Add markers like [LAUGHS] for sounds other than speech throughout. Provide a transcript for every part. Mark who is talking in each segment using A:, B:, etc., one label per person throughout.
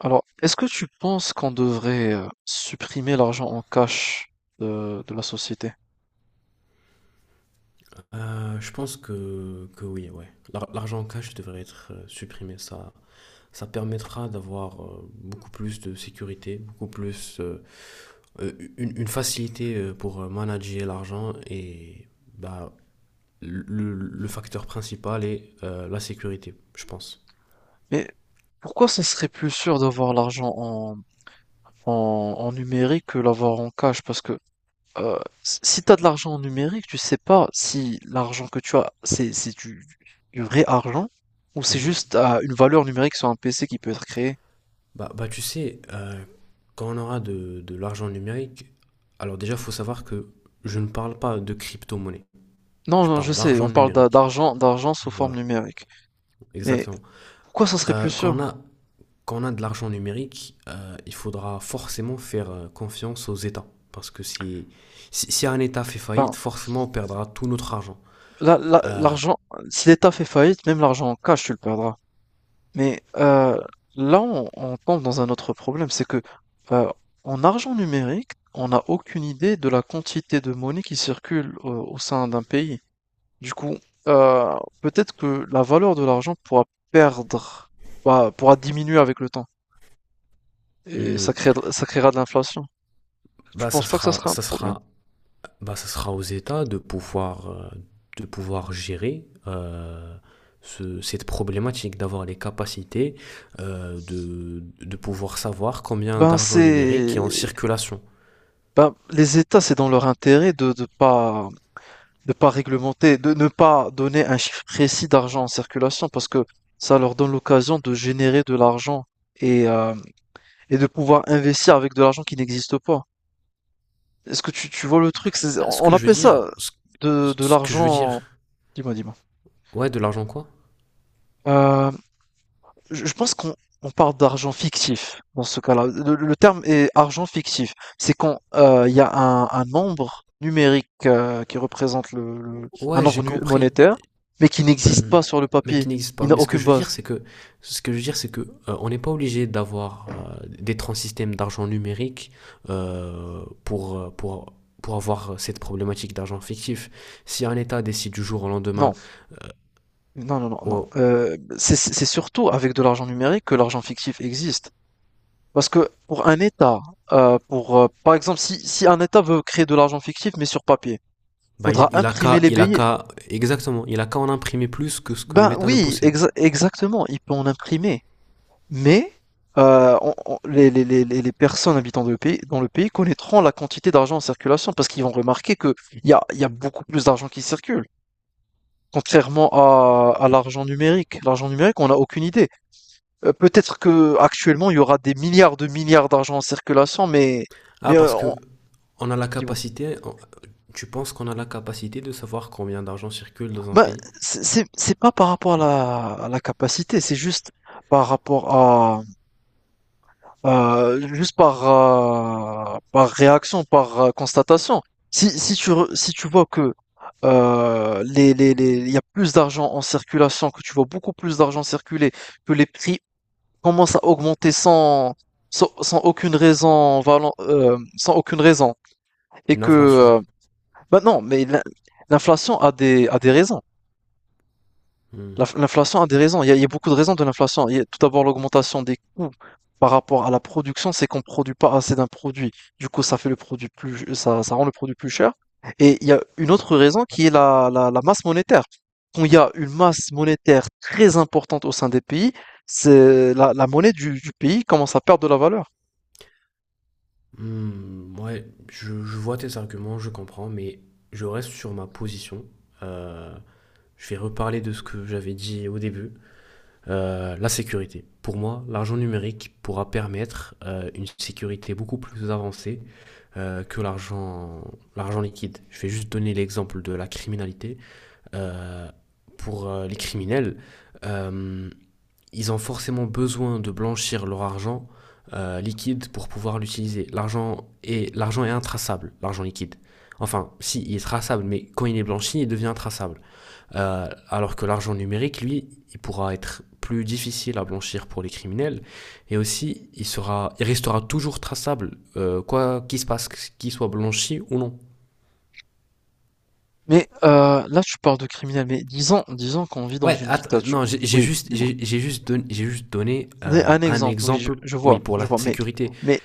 A: Alors, est-ce que tu penses qu'on devrait supprimer l'argent en cash de la société?
B: Je pense que oui, ouais. L'argent en cash devrait être supprimé. Ça permettra d'avoir beaucoup plus de sécurité, beaucoup plus une facilité pour manager l'argent et bah, le, le facteur principal est la sécurité, je pense.
A: Mais pourquoi ça serait plus sûr d'avoir l'argent en numérique que l'avoir en cash? Parce que euh, si tu as de l'argent en numérique, tu sais pas si l'argent que tu as, c'est du vrai argent ou c'est
B: Mhm.
A: juste une valeur numérique sur un PC qui peut être créée.
B: Bah, tu sais, quand on aura de l'argent numérique, alors déjà, il faut savoir que je ne parle pas de crypto-monnaie,
A: Non,
B: je
A: non,
B: parle
A: je sais,
B: d'argent
A: on parle
B: numérique.
A: d'argent sous forme
B: Voilà,
A: numérique. Mais
B: exactement.
A: pourquoi ça serait plus
B: Euh,
A: sûr?
B: quand on a, quand on a de l'argent numérique, il faudra forcément faire confiance aux États. Parce que si un État fait
A: Ben,
B: faillite, forcément on perdra tout notre argent.
A: l'argent, si l'État fait faillite, même l'argent en cash, tu le perdras. Mais là, on tombe dans un autre problème, c'est que euh, en argent numérique, on n'a aucune idée de la quantité de monnaie qui circule au sein d'un pays. Du coup, euh, peut-être que la valeur de l'argent pourra perdre, pourra diminuer avec le temps, et
B: Hmm.
A: ça créera de l'inflation. Tu
B: Bah, ça
A: penses pas que ça
B: sera,
A: sera un
B: ça
A: problème?
B: sera, bah, ça sera aux États de pouvoir gérer cette problématique, d'avoir les capacités de pouvoir savoir combien
A: Ben
B: d'argent
A: c'est,
B: numérique est en circulation.
A: ben les États, c'est dans leur intérêt de pas réglementer, de ne pas donner un chiffre précis d'argent en circulation parce que ça leur donne l'occasion de générer de l'argent et, euh, et de pouvoir investir avec de l'argent qui n'existe pas. Est-ce que tu vois le truc?
B: Ah, ce
A: On
B: que je veux
A: appelle
B: dire,
A: ça
B: ce,
A: de
B: ce que je veux
A: l'argent.
B: dire,
A: Dis-moi, dis-moi.
B: ouais, de l'argent quoi?
A: Euh, je pense qu'on on parle d'argent fictif dans ce cas-là. Le terme est argent fictif. C'est quand il y a un nombre numérique qui représente un
B: Ouais,
A: nombre
B: j'ai compris.
A: monétaire, mais qui n'existe
B: Hmm.
A: pas sur le
B: Mais qui
A: papier.
B: n'existe pas.
A: Il n'a
B: Mais ce que
A: aucune
B: je veux
A: base.
B: dire, ce que je veux dire, c'est que on n'est pas obligé d'avoir d'être en système d'argent numérique euh, pour, euh, pour, pour avoir cette problématique d'argent fictif. Si un État décide du jour au lendemain,
A: Non, non, non, non, non.
B: oh,
A: C'est surtout avec de l'argent numérique que l'argent fictif existe. Parce que pour un État, pour par exemple, si un État veut créer de l'argent fictif mais sur papier,
B: bah, il
A: faudra
B: il a
A: imprimer
B: qu'à,
A: les
B: il a
A: billets.
B: qu'à, exactement, il a qu'à en imprimer plus que ce que
A: Ben
B: l'État ne
A: oui,
B: possède.
A: exactement. Il peut en imprimer. Mais on les personnes habitant de pays dans le pays connaîtront la quantité d'argent en circulation parce qu'ils vont remarquer qu'il y a beaucoup plus d'argent qui circule. Contrairement à l'argent numérique. L'argent numérique, on a aucune idée. Peut-être que actuellement il y aura des milliards de milliards d'argent en circulation, mais,
B: Ah, parce
A: on
B: que on a la
A: dis-moi?
B: capacité, on- tu penses qu'on a la capacité de savoir combien d'argent circule dans un
A: Ben,
B: pays?
A: c'est pas par rapport à la capacité, c'est juste par rapport à. Juste par, par réaction, par constatation, si si tu vois que il y a plus d'argent en circulation, que tu vois beaucoup plus d'argent circuler, que les prix commencent à augmenter sans aucune raison, sans aucune raison, et
B: Une
A: que,
B: inflation.
A: bah non, mais l'inflation a a des raisons.
B: Hmm.
A: L'inflation a des raisons. Il y a beaucoup de raisons de l'inflation. Il y a tout d'abord l'augmentation des coûts par rapport à la production, c'est qu'on ne produit pas assez d'un produit. Du coup, ça fait le produit plus, ça rend le produit plus cher. Et il y a une autre raison qui est la masse monétaire. Quand il y a une masse monétaire très importante au sein des pays, c'est la monnaie du pays commence à perdre de la valeur.
B: Hmm, ouais, je vois tes arguments, je comprends, mais je reste sur ma position. Euh, je vais reparler de ce que j'avais dit au début. La sécurité. Pour moi, l'argent numérique pourra permettre une sécurité beaucoup plus avancée euh, que l'argent, l'argent liquide. Je vais juste donner l'exemple de la criminalité. Euh, pour les criminels, euh, ils ont forcément besoin de blanchir leur argent liquide pour pouvoir l'utiliser. L'argent est intraçable, l'argent liquide. Enfin, si, il est traçable, mais quand il est blanchi, il devient intraçable. Alors que l'argent numérique, lui, il pourra être plus difficile à blanchir pour les criminels, et aussi, il restera toujours traçable, quoi qu'il se passe, qu'il soit blanchi ou non.
A: Mais là, tu parles de criminel. Mais disons, disons qu'on vit dans
B: Ouais,
A: une dictature.
B: non,
A: Oui, dis-moi.
B: j'ai juste donné
A: Mais un
B: un
A: exemple, oui,
B: exemple,
A: je
B: oui,
A: vois,
B: pour
A: je
B: la
A: vois. Mais,
B: sécurité.
A: mais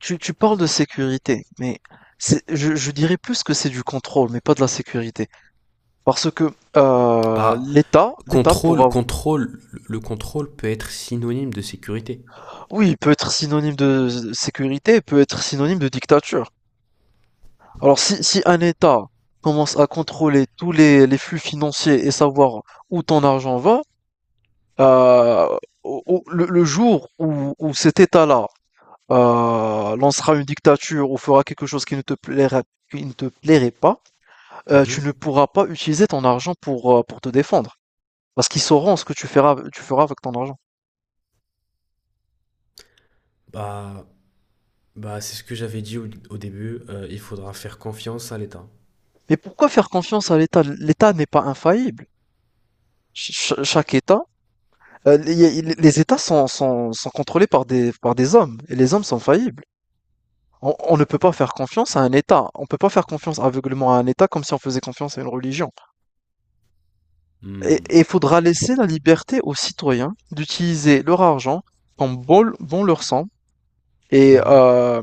A: Tu parles de sécurité, mais je dirais plus que c'est du contrôle, mais pas de la sécurité. Parce que
B: Bah,
A: l'État pour
B: contrôle,
A: avoir…
B: contrôle, le contrôle peut être synonyme de sécurité.
A: Oui, il peut être synonyme de sécurité, il peut être synonyme de dictature. Alors si un État commence à contrôler tous les flux financiers et savoir où ton argent va, euh, le jour où cet État-là lancera une dictature ou fera quelque chose qui ne te plairait, qui ne te plairait pas, tu ne
B: Mhm.
A: pourras pas utiliser ton argent pour te défendre. Parce qu'ils sauront ce que tu feras avec ton argent.
B: Bah, bah, c'est ce que j'avais dit au début, il faudra faire confiance à l'État.
A: Mais pourquoi faire confiance à l'État? L'État n'est pas infaillible. Ch Chaque État, heu, les les États sont contrôlés par des hommes et les hommes sont faillibles. On ne peut pas faire confiance à un État. On ne peut pas faire confiance aveuglément à un État comme si on faisait confiance à une religion. Et
B: Mhm.
A: il faudra laisser la liberté aux citoyens d'utiliser leur argent comme bon leur semble. et
B: Mhm,
A: heu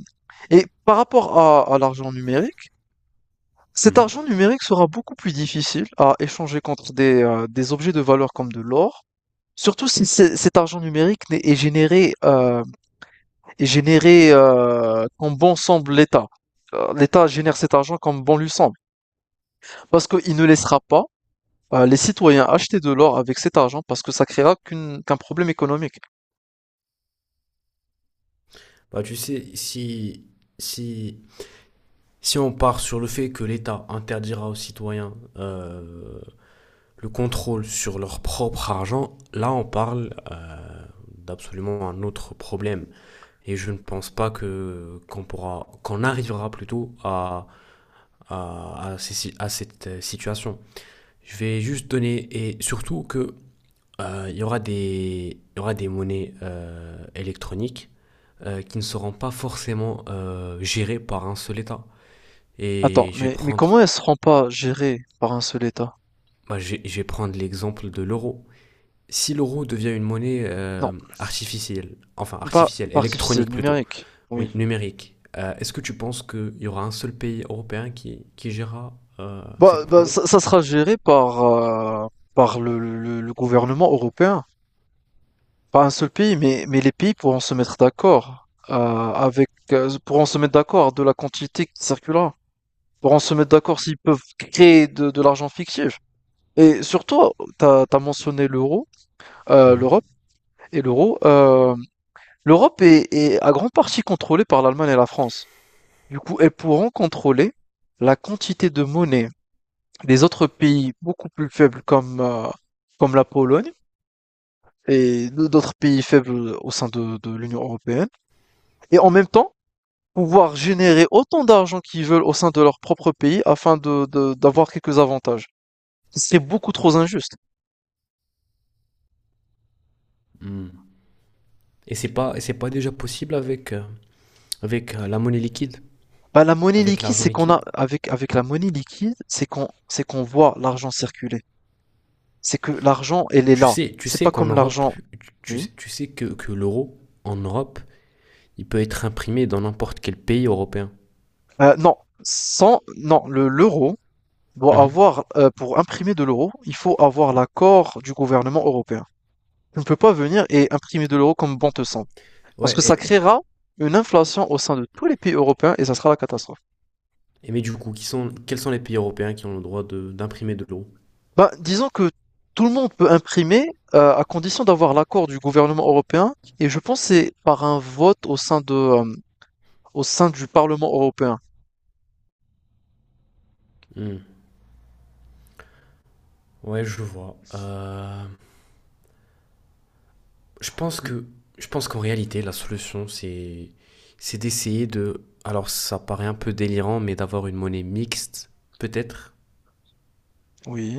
A: et par rapport à l'argent numérique, cet
B: mhm.
A: argent numérique sera beaucoup plus difficile à échanger contre des objets de valeur comme de l'or, surtout si c'est- cet argent numérique est généré, comme bon semble l'État. L'État génère cet argent comme bon lui semble, parce qu'il ne laissera pas les citoyens acheter de l'or avec cet argent, parce que ça créera qu'un problème économique.
B: Bah, tu sais, si, si on part sur le fait que l'État interdira aux citoyens le contrôle sur leur propre argent, là on parle d'absolument un autre problème. Et je ne pense pas que qu'on arrivera plutôt à ces- si, à cette situation. Je vais juste donner, et surtout que il y aura des monnaies électroniques qui ne seront pas forcément gérées par un seul État.
A: Attends,
B: Et je vais
A: mais
B: prendre,
A: comment elle ne seront pas gérées par un seul État?
B: bah, je, vais- je vais prendre l'exemple de l'euro. Si l'euro devient une monnaie
A: Non,
B: artificielle, enfin artificielle,
A: pas artificiel,
B: électronique plutôt,
A: numérique. Oui.
B: oui, numérique, est-ce que tu penses qu'il y aura un seul pays européen qui gérera cette
A: Bah, bah,
B: monnaie.
A: ça, ça sera géré par le gouvernement européen. Pas un seul pays, mais les pays pourront se mettre d'accord avec pourront se mettre d'accord de la quantité qui circulera. Pourront se mettre d'accord s'ils peuvent créer de l'argent fictif. Et surtout, t'as mentionné l'euro,
B: Mhm.
A: l'Europe et l'euro. L'Europe est à grande partie contrôlée par l'Allemagne et la France. Du coup, elles pourront contrôler la quantité de monnaie des autres pays beaucoup plus faibles comme la Pologne et d'autres pays faibles au sein de l'Union européenne. Et en même temps, pouvoir générer autant d'argent qu'ils veulent au sein de leur propre pays afin d'avoir quelques avantages. C'est beaucoup trop injuste.
B: Mm. Et c'est pas déjà possible avec, la monnaie liquide,
A: Bah, la monnaie
B: avec
A: liquide,
B: l'argent
A: c'est qu'on
B: liquide.
A: a, avec la monnaie liquide, c'est qu'on voit l'argent circuler. C'est que l'argent, elle est là.
B: Tu
A: C'est
B: sais
A: pas
B: qu'en
A: comme
B: Europe,
A: l'argent, oui.
B: tu sais que l'euro, en Europe, il peut être imprimé dans n'importe quel pays européen.
A: Non, sans, non, le, l'euro, doit
B: Mhm.
A: avoir, pour imprimer de l'euro, il faut avoir l'accord du gouvernement européen. Tu ne peux pas venir et imprimer de l'euro comme bon te semble. Parce
B: Ouais,
A: que ça créera une inflation au sein de tous les pays européens et ça sera la catastrophe.
B: et mais du coup, quels sont les pays européens qui ont le droit d'imprimer de, l'euro.
A: Bah, disons que tout le monde peut imprimer à condition d'avoir l'accord du gouvernement européen et je pense que c'est par un vote au sein au sein du Parlement européen.
B: Hmm. Ouais, je vois. Je pense que, je pense qu'en réalité, la solution, c'est d'essayer de, alors ça paraît un peu délirant, mais d'avoir une monnaie mixte, peut-être.
A: Oui.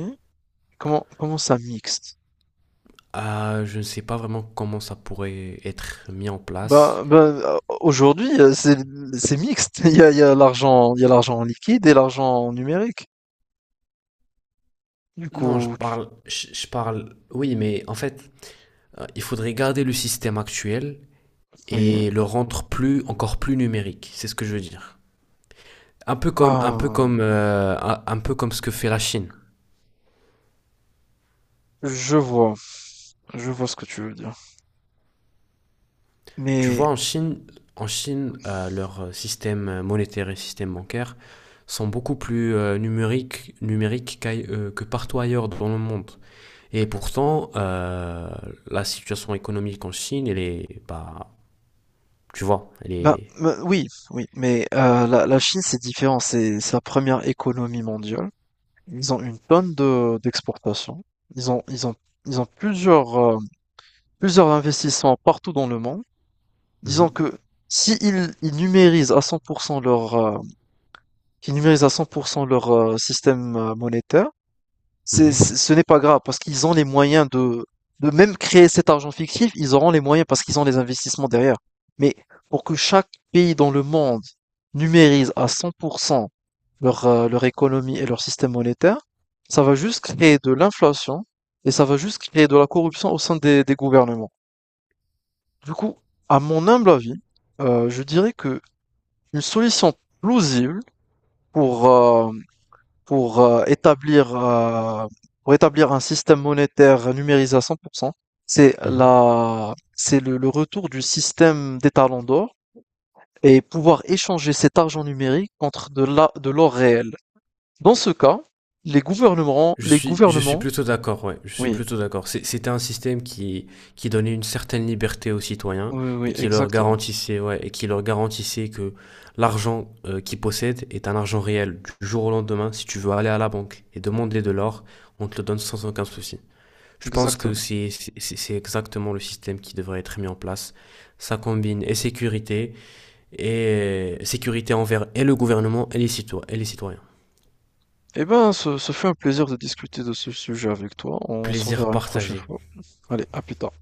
A: Comment ça mixte?
B: Je ne sais pas vraiment comment ça pourrait être mis en place.
A: Ben, aujourd'hui, c'est mixte. [LAUGHS] Il y a l'argent, il y a l'argent en liquide et l'argent numérique. Du
B: Non,
A: coup,
B: je parle, oui, mais en fait, il faudrait garder le système actuel
A: oui.
B: et le rendre plus, encore plus numérique. C'est ce que je veux dire.
A: Ah,
B: Un peu comme ce que fait la Chine.
A: je vois, je vois ce que tu veux dire.
B: Tu
A: Mais
B: vois, en Chine, leur système monétaire et système bancaire sont beaucoup plus numériques que partout ailleurs dans le monde. Et pourtant, la situation économique en Chine, elle est, bah, tu vois, elle
A: ben,
B: est.
A: ben, oui, oui. Mais la Chine, c'est différent. C'est la première économie mondiale. Ils ont une tonne de d'exportations. Ils ont ils ont Ils ont plusieurs plusieurs investissements partout dans le monde.
B: Mhm,
A: Disons que si ils, ils numérisent à 100% leur, qui numérisent à 100% leur système monétaire,
B: mhm,
A: ce n'est pas grave parce qu'ils ont les moyens de même créer cet argent fictif, ils auront les moyens parce qu'ils ont les investissements derrière. Mais pour que chaque pays dans le monde numérise à 100% leur, leur économie et leur système monétaire, ça va juste créer de l'inflation et ça va juste créer de la corruption au sein des gouvernements. Du coup, à mon humble avis, je dirais que une solution plausible pour, euh, pour euh, établir, euh, pour établir un système monétaire numérisé à 100%. C'est
B: mhm.
A: le le retour du système des talons d'or et pouvoir échanger cet argent numérique contre de l'or réel. Dans ce cas, les
B: Je suis
A: gouvernements,
B: plutôt d'accord, ouais, je suis
A: oui,
B: plutôt d'accord. C'était un système qui donnait une certaine liberté aux citoyens
A: oui, oui,
B: et
A: oui,
B: qui leur
A: exactement,
B: garantissait, ouais, et qui leur garantissait que l'argent qu'ils possèdent est un argent réel. Du jour au lendemain, si tu veux aller à la banque et demander de l'or, on te le donne sans aucun souci. Je pense que
A: exactement.
B: c'est exactement le système qui devrait être mis en place. Ça combine et sécurité envers et le gouvernement et les citoyens, et les citoyens.
A: Eh ben, ce fut un plaisir de discuter de ce sujet avec toi. On se
B: Plaisir
A: reverra une prochaine
B: partagé.
A: fois. Allez, à plus tard.